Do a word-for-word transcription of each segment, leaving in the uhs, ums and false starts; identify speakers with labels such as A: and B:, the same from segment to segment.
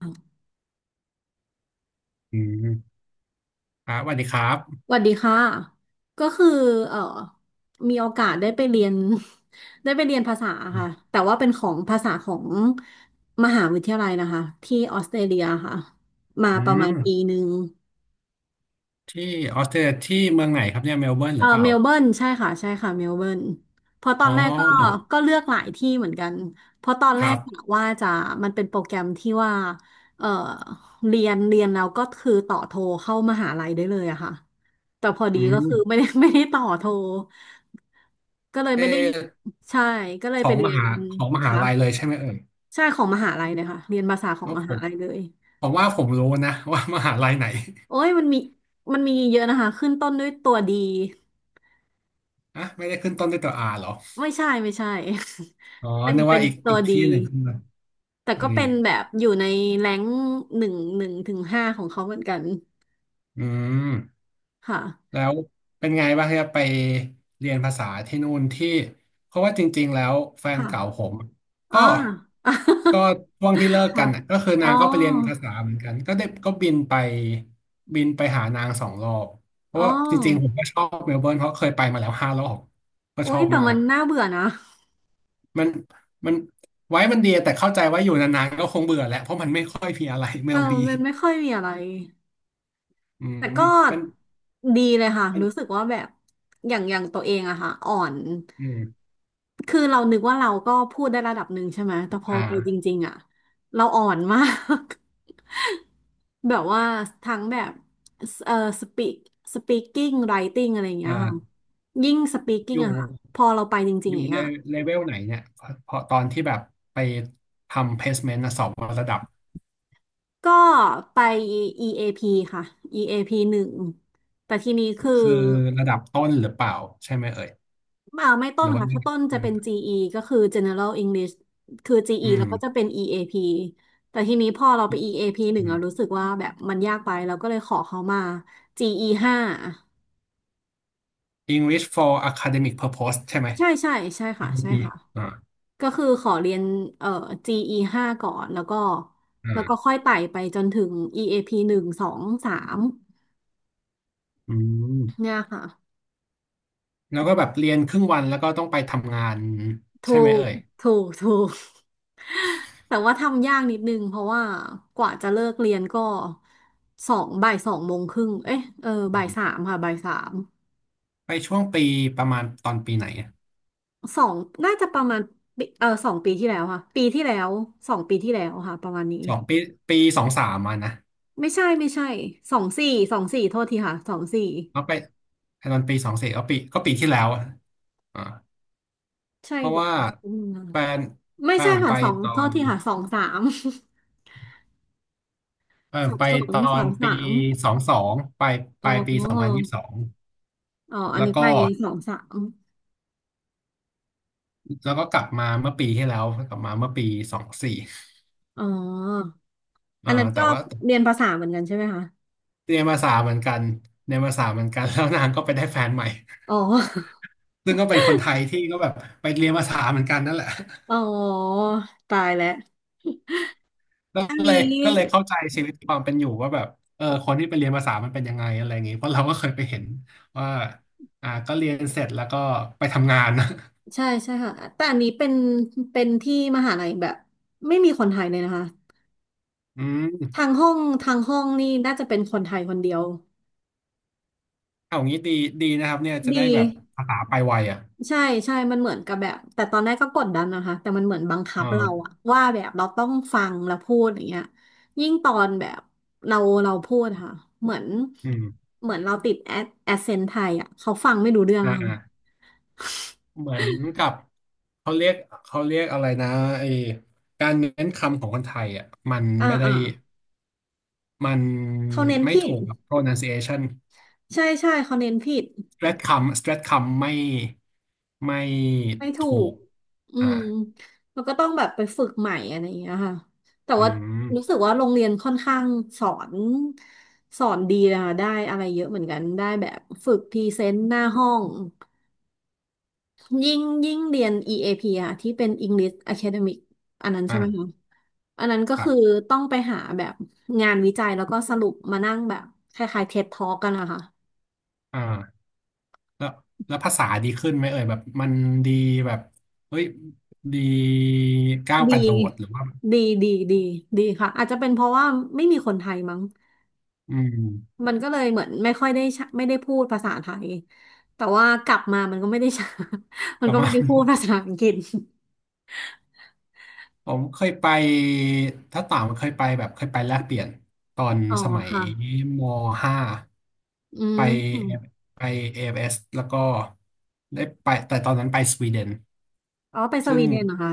A: ส
B: อืมครับสวัสดีครับ
A: วัสดีค่ะ ก็คือเอ่อมีโอกาสได้ไปเรียน ได้ไปเรียนภาษาค่ะแต่ว่าเป็นของภาษาของมหาวิทยาลัยนะคะที่ออสเตรเลียค่ะมา
B: อื
A: ประมาณปี
B: ม
A: หนึ่ง
B: ที่ออสเตรเลียที่เมืองไหนครับเนี่ยเมลเบิร์น
A: เอ
B: ห
A: อ
B: รือเปล่า
A: เมลเบิร์นใช่ค่ะใช่ค่ะเมลเบิร์นเพอตอ
B: อ๋อ
A: นแรกก็ก็เลือกหลายที่เหมือนกันเพราะตอน
B: ค
A: แร
B: รั
A: กกะ
B: บ
A: ว่าจะมันเป็นโปรแกรมที่ว่าเออเรียนเรียนแล้วก็คือต่อโทรเข้ามหาลัยได้เลยอะค่ะแต่พอดี
B: อื
A: ก็คือไม่
B: ม
A: ได้ ไม่ได้ต่อโทรก็เลย
B: เ
A: ไม่ได้
B: ออ
A: ใช่ก็เลย
B: ข
A: ไป
B: อง
A: เรี
B: ม
A: ยน
B: หาของมหา
A: ค่ะ
B: ลัยเลยใช่ไหมเอ่ย
A: ใช่ของมหาลัยเลยค่ะเรียนภาษาขอ
B: เพ
A: ง
B: ราะ
A: ม
B: ผ
A: หา
B: ม
A: ลัยเลย
B: ผมว่าผมรู้นะ ว่ามหาลัยไหน
A: โอ้ยมันมีมันมีเยอะนะคะขึ้นต้นด้วยตัวดี
B: อ่ะไม่ได้ขึ้นต้นด้วยตัวอาเหรอ
A: ไม่ใช่ไม่ใช่
B: อ๋อ
A: เป็น
B: นึก
A: เป็
B: ว่า
A: น
B: อีก
A: ตั
B: อี
A: ว
B: ก
A: ดี
B: ที่หนึ่งขึ้นมา
A: แต่
B: พอ
A: ก็
B: ดี
A: เป็นแบบอยู่ในแรงหนึ่งหนึ่งถึงห้าของเขาเหมือนกัน
B: อืม
A: ค่ะ
B: แล้วเป็นไงบ้างครับไปเรียนภาษาที่นู่นที่เพราะว่าจริงๆแล้วแฟ
A: ค
B: นเก่าผ
A: ่ะ
B: ม
A: อ๋
B: ก็
A: อ
B: ก็ช่วงที่เลิ ก
A: ค่ะ
B: กันน่ะก็คือ
A: อ๋อ
B: นางก็ไปเรียนภาษาเหมือนกันก็ได้ก็บินไปบินไปหานางสองรอบเพ
A: อ๋
B: ราะ
A: อ
B: ว่าจริงๆผมก็ชอบเมลเบิร์นเพราะเคยไปมาแล้วห้ารอบก็ช
A: อุ้
B: อ
A: ย
B: บ
A: แต่
B: มา
A: มัน
B: ก
A: น่าเบื่อนะ
B: มันมันไว้มันดีแต่เข้าใจว่าอยู่นานๆก็คงเบื่อแหละเพราะมันไม่ค่อยมีอะไรเม
A: เออ
B: ลบี
A: มันไม่ค่อยมีอะไร
B: อื
A: แต่
B: ม
A: ก็
B: เป็น
A: ดีเลยค่ะ
B: เป็น
A: รู้สึกว่าแบบอย่างอย่างตัวเองอะค่ะอ่อน
B: อืม
A: คือเรานึกว่าเราก็พูดได้ระดับหนึ่งใช่ไหมแต่พอ
B: อ่า
A: ไปจริงๆอะเราอ่อนมาก แบบว่าทั้งแบบเอ่อสปีกสปีกิ้งไรติ้งอะไรอย่างเงี้ยค่ะ
B: อ่า
A: ยิ่งสปี
B: อ
A: กิ้ง
B: ยู่
A: อะค่ะพอเราไปจริ
B: อ
A: งๆอ
B: ยู่
A: ย่าง
B: เล
A: เงี้ย
B: เลเวลไหนเนี่ยพอตอนที่แบบไปทำ placement นะสอบว่าระดับ
A: ก็ไป อี เอ พี ค่ะ อี เอ พี หนึ่งแต่ทีนี้คือ
B: คือระดับต้นหรือเปล่าใช่ไหมเอ่ย
A: อ่าไม่ต้
B: ห
A: น
B: รือว่า
A: ค่ะ
B: อื
A: ถ้าต้นจะเป็น จี อี ก็คือ General English คือ จี อี แล้วก็จะ
B: ม
A: เป็น อี เอ พี แต่ทีนี้พอเราไป อี เอ พี หนึ่ง
B: อื
A: เรา
B: ม
A: รู้สึกว่าแบบมันยากไปเราก็เลยขอเขามา จี อี ห้า
B: English for academic purpose ใช่ไหม
A: ใช่ใช่ใช่ค่ะใช่
B: อี เอ พี
A: ค่ะ
B: อ่า
A: ก็คือขอเรียนเอ่อ จี อี ห้าก่อนแล้วก็
B: อ่
A: แล้วก็
B: า
A: ค่อยไต่ไปจนถึง อี เอ พี หนึ่งสองสาม
B: อืม
A: เนี่ยค่ะ
B: แล้วก็แบบเรียนครึ่งวันแล้วก็ต้องไปทำงาน
A: ถู
B: ใช่ไหม
A: ก
B: เอ่ย
A: ถูกถูก แต่ว่าทำยากนิดนึงเพราะว่ากว่าจะเลิกเรียนก็สองบ่ายสองโมงครึ่งเอ๊ะเออบ่าย
B: อื
A: สา
B: ม
A: มค่ะบ่ายสาม
B: ไปช่วงปีประมาณตอนปีไหนอะ
A: สองน่าจะประมาณปีเออสองปีที่แล้วค่ะปีที่แล้วสองปีที่แล้วค่ะประมาณนี้
B: สองปีปีสองสามมานะ
A: ไม่ใช่ไม่ใช่สองสี่สองสี่โทษทีค่ะสองสี่
B: แล้วไปตอนปีสองสี่ก็ปีก็ปีที่แล้วอะอ่า
A: ใช่
B: เพราะ
A: แบบ
B: ว่า
A: อืม
B: แฟน
A: ไม่
B: แฟน
A: ใช่
B: ผม
A: ค่ะ
B: ไป
A: สอง
B: ตอ
A: โทษ
B: น
A: ทีค่ะสองสาม
B: แฟน ผ
A: สั
B: ม
A: บ
B: ไป
A: ส
B: ต
A: น
B: อ
A: สอ
B: น
A: ง
B: ปี
A: สาม
B: สองสองปลายป
A: อ๋
B: ลายปีสองพัน
A: อ
B: ยี่สิบสอง
A: อ๋ออัน
B: แล้ว
A: นี้
B: ก็
A: ไปสองสาม
B: แล้วก็กลับมาเมื่อปีที่แล้วกลับมาเมื่อปีสองสี่
A: อ๋อ
B: เอ
A: อั
B: อ
A: นนั้น
B: แต่
A: ก็
B: ว่า
A: เรียนภาษาเหมือนกันใช่ไหมคะ
B: เรียนภาษาเหมือนกันเรียนภาษาเหมือนกันแล้วนางก็ไปได้แฟนใหม่
A: อ๋อ
B: ซึ่งก็เป็นคนไทยที่ก็แบบไปเรียนภาษาเหมือนกันนั่นแหละ
A: อ๋อ ตายแล้ว
B: ก็
A: อัน
B: เล
A: นี้
B: ยก็เลยเข้าใจชีวิตความเป็นอยู่ว่าแบบเออคนที่ไปเรียนภาษามันเป็นยังไงอะไรอย่างงี้เพราะเราก็เคยไปเห็นว่าอ่าก็เรียนเสร็จแล้วก็ไปทำงาน
A: ใช่ใช่ค่ะ แต่อันนี้เป็นเป็นที่มหาลัยแบบไม่มีคนไทยเลยนะคะ
B: อื
A: ทา
B: ม
A: งห้องทางห้องนี่น่าจะเป็นคนไทยคนเดียว
B: เอางี้ดีดีนะครับเนี่ยจะได้
A: ดี
B: แบบภาษาไปไวอ่ะ
A: ใช่ใช่มันเหมือนกับแบบ แต่ตอนแรกก็กดดันนะคะแต่มันเหมือนบังคับเรา
B: อ่า
A: อะว่าแบบเราต้องฟังแล้วพูดอย่างเงี้ยยิ่งตอนแบบเราเราพูดอะค่ะเหมือน
B: อืม
A: เหมือนเราติดแอดแอเซนไทยอะเขาฟังไม่รู้เรื่อง
B: อ่า
A: อะค่ะ
B: อ่าเหมือนกับเขาเรียกเขาเรียกอะไรนะไอการเน้นคำของคนไทยอ่ะมัน
A: อ่า
B: ไม่ได้
A: อ่า
B: มัน
A: เขาเน้น
B: ไม่
A: ผิ
B: ถู
A: ด
B: กกับ pronunciation
A: ใช่ใช่เขาเน้นผิด
B: สเตรทคำสเตรทคำไม่ไม่
A: ไม่ถู
B: ถู
A: ก
B: ก
A: อื
B: อ่า
A: มแล้วก็ต้องแบบไปฝึกใหม่อะไรอย่างเงี้ยค่ะแต่
B: อื
A: ว่า
B: ม
A: รู้สึกว่าโรงเรียนค่อนข้างสอนสอนดีนะคะได้อะไรเยอะเหมือนกัน ได้แบบฝึกพรีเซนต์หน้าห้อง ยิ่งยิ่งเรียน อี เอ พี อพีอะที่เป็น English Academic อันนั้นใช่ไหมคะ
B: อ่า
A: อันนั้นก็
B: ครั
A: คือ
B: บ
A: ต้องไปหาแบบงานวิจัยแล้วก็สรุปมานั่งแบบคล้ายๆ เท็ด Talk กันนะคะ
B: อ่าแล้วแล้วภาษาดีขึ้นไหมเอ่ยแบบมันดีแบบเฮ้ยดีก้าวก
A: ดี
B: ระโดดหรือว่า
A: ดีดีดีดีค่ะ อาจจะเป็นเพราะว่าไม่มีคนไทยมั้ง
B: อืม
A: มันก็เลยเหมือนไม่ค่อยได้ใช้ไม่ได้พูดภาษาไทยแต่ว่ากลับมามันก็ไม่ได้ใช้ มัน
B: แบบ
A: ก็ไม่
B: ว่า
A: ได้พูดภาษาอังกฤษ
B: ผมเคยไปถ้าต่างมันเคยไปแบบเคยไปแลกเปลี่ยนตอน
A: อ๋อ
B: สมัย
A: ค่ะ
B: มห้า
A: อื
B: ไป
A: ม
B: ไปเอเอฟเอสแล้วก็ได้ไปแต่ตอนนั้นไปสวีเดน
A: อ๋อไปส
B: ซึ่
A: วี
B: ง
A: เดนเหรอคะ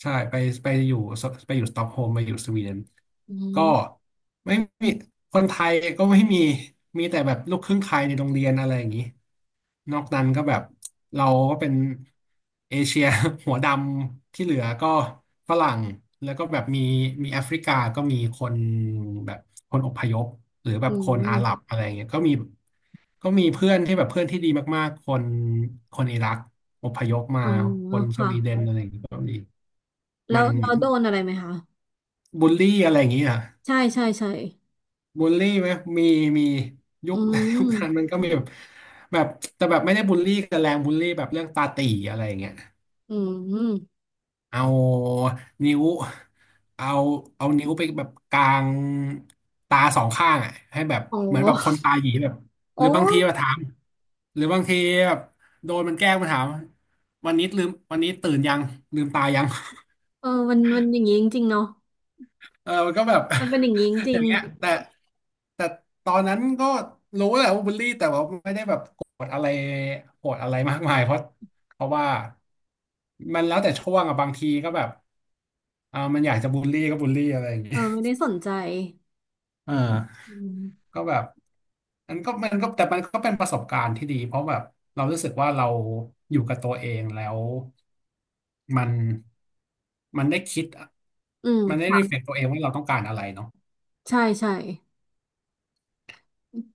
B: ใช่ไปไปอยู่สไปอยู่สต็อกโฮล์มไปอยู่สวีเดน
A: อื
B: ก็
A: ม
B: ไม่มีคนไทยก็ไม่มีมีแต่แบบลูกครึ่งไทยในโรงเรียนอะไรอย่างนี้นอกนั้นก็แบบเราก็เป็นเอเชีย หัวดำที่เหลือก็ฝรั่งแล้วก็แบบมีมีแอฟริกาก็มีคนแบบคนอพยพหรือแบ
A: อื
B: บคนอาหรับ
A: ม
B: อะไรเงี้ยก็มี ก็มีเพื่อนที่แบบเพื่อนที่ดีมากๆ คนคนอิรักอพยพมา
A: อ๋อ
B: คนส
A: ค่ะ
B: วีเดนอะไรอย่างเงี้ยก็มี
A: แล้
B: มั
A: ว
B: น
A: เราโดนอะไรไหมคะ
B: บูลลี่อะไรอย่างเงี้ย
A: ใช่ใช่ใช่
B: บูลลี่ไหมมีมียุ
A: อื
B: ค ยุคนั้น
A: ม
B: มันก็มีแบบแบบแต่แบบไม่ได้บูลลี่กันแรงบูลลี่แบบเรื่องตาตี่อะไรอย่างเงี้ย
A: อืม
B: เอานิ้วเอาเอานิ้วไปแบบกลางตาสองข้างอ่ะให้แบบ
A: อ๋
B: เหมือนแบบคน
A: อ
B: ตาหยีแบบห
A: โอ้
B: รือบาง
A: ย
B: ทีมาถามหรือบางทีแบบโดนมันแกล้งมาถามวันนี้ลืมวันนี้ตื่นยังลืมตายัง
A: เออมันมันอย่างนี้จริงๆเนาะ
B: เออมันก็แบบ
A: มันเป็นอย่างนี้จ
B: อ
A: ริ
B: ย่า
A: ง
B: งเงี้ยแต่แต่ตอนนั้นก็รู้แหละว่าบูลลี่แต่ว่าไม่ได้แบบโกรธอะไรโกรธอะไรมากมายเพราะเพราะว่ามันแล้วแต่ช่วงอะบางทีก็แบบเออมันอยากจะบูลลี่ก็บูลลี่อะไรอย่าง
A: ๆเอ
B: เงี้
A: อ
B: ย
A: ไม่ได้สนใจ
B: เออ
A: อืม
B: ก็แบบมันก็มันก็แต่มันก็เป็นประสบการณ์ที่ดีเพราะแบบเรารู้สึกว่าเราอยู่กับตัวเองแล้วมันมันได้คิด
A: อืม
B: มันได้รีเฟล็
A: ค่ะ
B: กตัวเองว่าเราต้องการอะไรเนาะ
A: ใช่ใช่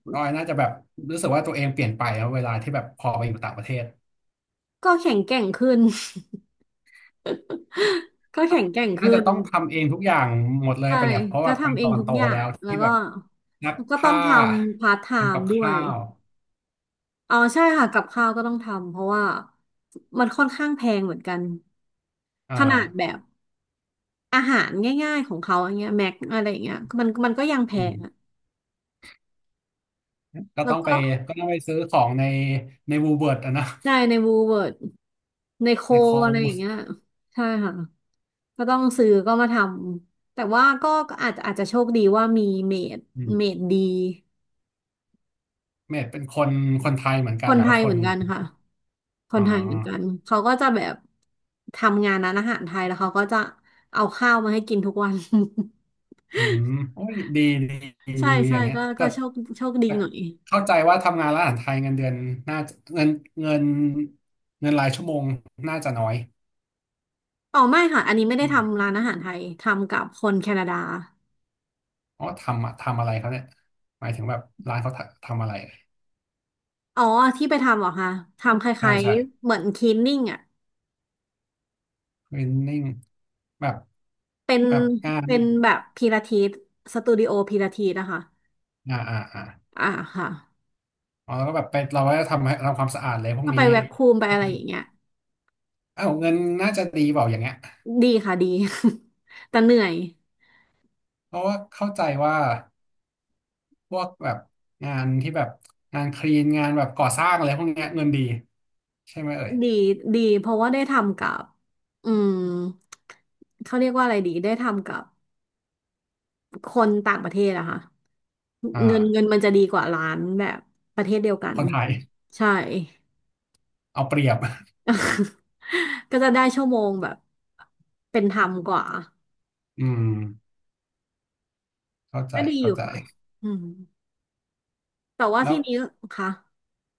B: คุณออยน่าจะแบบรู้สึกว่าตัวเองเปลี่ยนไปแล้วเวลาที่แบบพอไปอยู่ต่างประเทศ
A: ก็แข็งแกร่งขึ้น ก็แข็งแกร่ง
B: น่า
A: ขึ้
B: จะ
A: น
B: ต้องทำเองทุกอย่างหมดเลย
A: ใช่
B: ปะเนี่ยเพราะ
A: ก็
B: ว่าไป
A: ทำเอ
B: ตอ
A: ง
B: น
A: ทุก
B: โต
A: อย่า
B: แล้
A: ง
B: ว
A: แล้ว
B: ที่แบ
A: ก็
B: บนัก
A: ก็ต้อ
B: ผ้า
A: งทำพาร์ทไท
B: ทำกั
A: ม์
B: บ
A: ด้ว
B: ข้า
A: ย
B: ว
A: อ๋อใช่ค่ะกับข้าวก็ต้องทำเพราะว่ามันค่อนข้างแพงเหมือนกัน
B: อ่
A: ขนาดแบ
B: า
A: บอาหารง่ายๆของเขาอย่างเงี้ยแม็กอะไรอย่างเงี้ยมันมันก็ยังแพ
B: อื
A: งอะ
B: มก็
A: แล้
B: ต้
A: ว
B: องไป
A: ก็
B: ก็ต้องไปซื้อของในในวูเวิร์ดอะนะ
A: ได้ในวูเวิร์ดในโค
B: ในเขา
A: อะไรอย่างเงี้ยใช่ค่ะก็ต้องซื้อก็มาทำแต่ว่าก็ก็อาจจะอาจจะโชคดีว่ามีเมด
B: อืม
A: เมดดี
B: เมดเป็นคนคนไทยเหมือน
A: ค
B: กัน
A: น
B: หรือ
A: ไท
B: ว่า
A: ย
B: ค
A: เหมื
B: น
A: อนกันค่ะ ค
B: อ๋
A: น
B: อ
A: ไทยเหมือนกันเขาก็จะแบบทำงานร้านอาหารไทยแล้วเขาก็จะเอาข้าวมาให้กินทุกวัน
B: อืมโอ้ยดีดีดี
A: ใช่
B: ดีอ
A: ใช่
B: ย่างเงี้ย
A: ก็ก็
B: แต่
A: โชคโชคดี
B: แต่
A: หน่อย
B: เข้าใจว่าทำงานร้านอาหารไทยเงินเดือนน่าจะเงินเงินเงินรายชั่วโมงน่าจะน้อย
A: อ๋อไม่ค่ะอันนี้ไม่
B: ใช่
A: ได้
B: ไหม
A: ทำร้านอาหารไทยทำกับคนแคนาดา
B: อ๋อทำอะทำอะไรเขาเนี่ยหมายถึงแบบร้านเขาทำทำอะไร
A: อ๋อที่ไปทำเหรอคะทำค
B: ใช่
A: ล้าย
B: ใช่
A: ๆเหมือนคลีนนิ่งอ่ะ
B: เทรนนิ่งแบบ
A: เป็น
B: แบบงาน
A: เป็นแบบพิลาทิสสตูดิโอพิลาทิสนะคะ
B: อ่าอ่าอ่า
A: อ่าค่ะ
B: อ๋อแล้วก็แบบไปเราก็จะทำให้ทำความสะอาดเลยพวก
A: ก็ไป
B: นี้
A: แวคคูมไป
B: ใช่
A: อะไร
B: ไหม
A: อย่างเงี้ย
B: อ้าวเงินน่าจะดีเปล่าอย่างเงี้ย
A: ดีค่ะดี แต่เหนื่อย
B: เพราะว่าเข้าใจว่าพวกแบบงานที่แบบงานคลีนงานแบบก่อสร้างอะไรพวกเนี้ยเงินดีใช่ไหมเอ่ย
A: ดีดีเพราะว่าได้ทำกับอืมเขาเรียกว่าอะไรดีได้ทำกับคนต่างประเทศอะค่ะ
B: อ่
A: เงินเงิน
B: า
A: มันจะดีกว่าร้านแบบประเทศเดียวกัน
B: คนไทย
A: ใช่
B: เอาเปรียบ
A: ก็จะได้ชั่วโมงแบบเป็นธรรมกว่า
B: อืมเข้าใจ
A: ก็ดีอ
B: เข้า
A: ยู่
B: ใจ
A: ค่ะอืมแต่ว่า
B: แล้ว
A: ที่นี้ค่ะ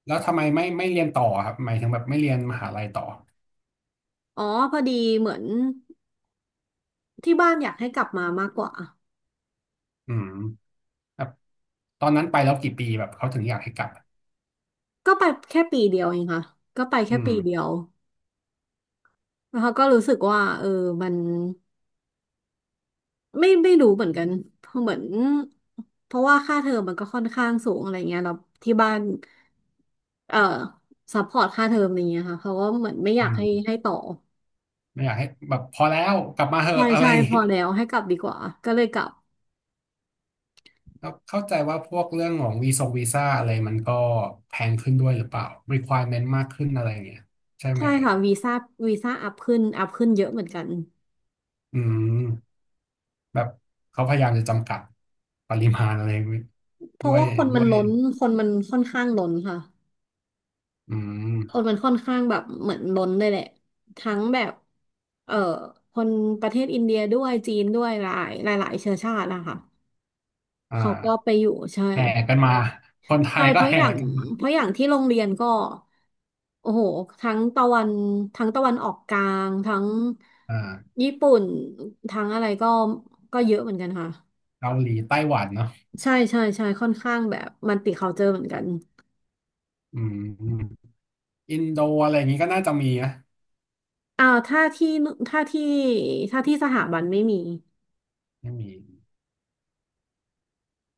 B: แล้วทำไมไม่ไม่เรียนต่อครับหมายถึงแบบไม่เรียนมหาลัยต่อ
A: อ๋อพอดีเหมือนที่บ้านอยากให้กลับมามากกว่า
B: อืมแบบตอนนั้นไปแล้วกี่ปีแบบเขาถึงอยากให้กลับ
A: ก็ไปแค่ปีเดียวเองค่ะก็ไปแค่
B: อื
A: ปีเดี
B: ม
A: ยวแล้วเขาก็รู้สึกว่าเออมัน ไม่ไม่รู้เหมือนกันเพราะเหมือนเพราะว่าค่าเทอมมันก็ค่อนข้างสูงอะไรเงี้ยเราที่บ้านเอ่อซัพพอร์ตค่าเทอมอะไรเงี้ยค่ะเขาก็เหมือนไม่อ
B: อื
A: ยากให้
B: ม
A: ให้ต่อ
B: ไม่อยากให้แบบพอแล้วกลับมาเห
A: ใช่
B: อะอะไร
A: ใช่
B: อย่าง
A: พ
B: งี้
A: อแล้วให้กลับดีกว่าก็เลยกลับ
B: แล้วเข้าใจว่าพวกเรื่องของวีซงวีซ่าอะไรมันก็แพงขึ้นด้วยหรือเปล่า requirement มากขึ้นอะไรอย่างเงี้ยใช่ไหม
A: ใช่
B: เอ่ย
A: ค่ะวีซ่าวีซ่าอัพขึ้นอัพขึ้นเยอะเหมือนกัน
B: อืมแบบเขาพยายามจะจำกัดปริมาณอะไร
A: เพ
B: ด้
A: ราะ
B: วย
A: ว่าคนมั
B: ด้
A: น
B: วย
A: ล้นคนมันค่อนข้างล้นค่ะ
B: อื
A: คน
B: ม
A: มันค่อนข้างแบบเหมือนล้นเลยแหละทั้งแบบเอ่อคนประเทศอินเดียด้วยจีนด้วยหลายหลายหลายเชื้อชาตินะคะ
B: อ่
A: เขาก็ไป
B: า
A: อยู่ใช่
B: แห่กันมาคนไท
A: ใช่
B: ย
A: เพ
B: ก็
A: ราะอ
B: แห่
A: ย่าง
B: กันมา
A: เพราะอย่างที่โรงเรียนก็โอ้โหทั้งตะวันทั้งตะวันออกกลางทั้ง
B: อ่า
A: ญี่ปุ่นทั้งอะไรก็ก็เยอะเหมือนกันค่ะ
B: เกาหลีไต้หวันเนาะ
A: ใช่ใช่ใช่ค่อนข้างแบบมันติเขาเจอเหมือนกัน
B: อืมอินโดอะไรอย่างงี้ก็น่าจะมีนะ
A: อ่าถ้าที่ถ้าที่ถ้าที่สถาบันไม่มี
B: ไม่มี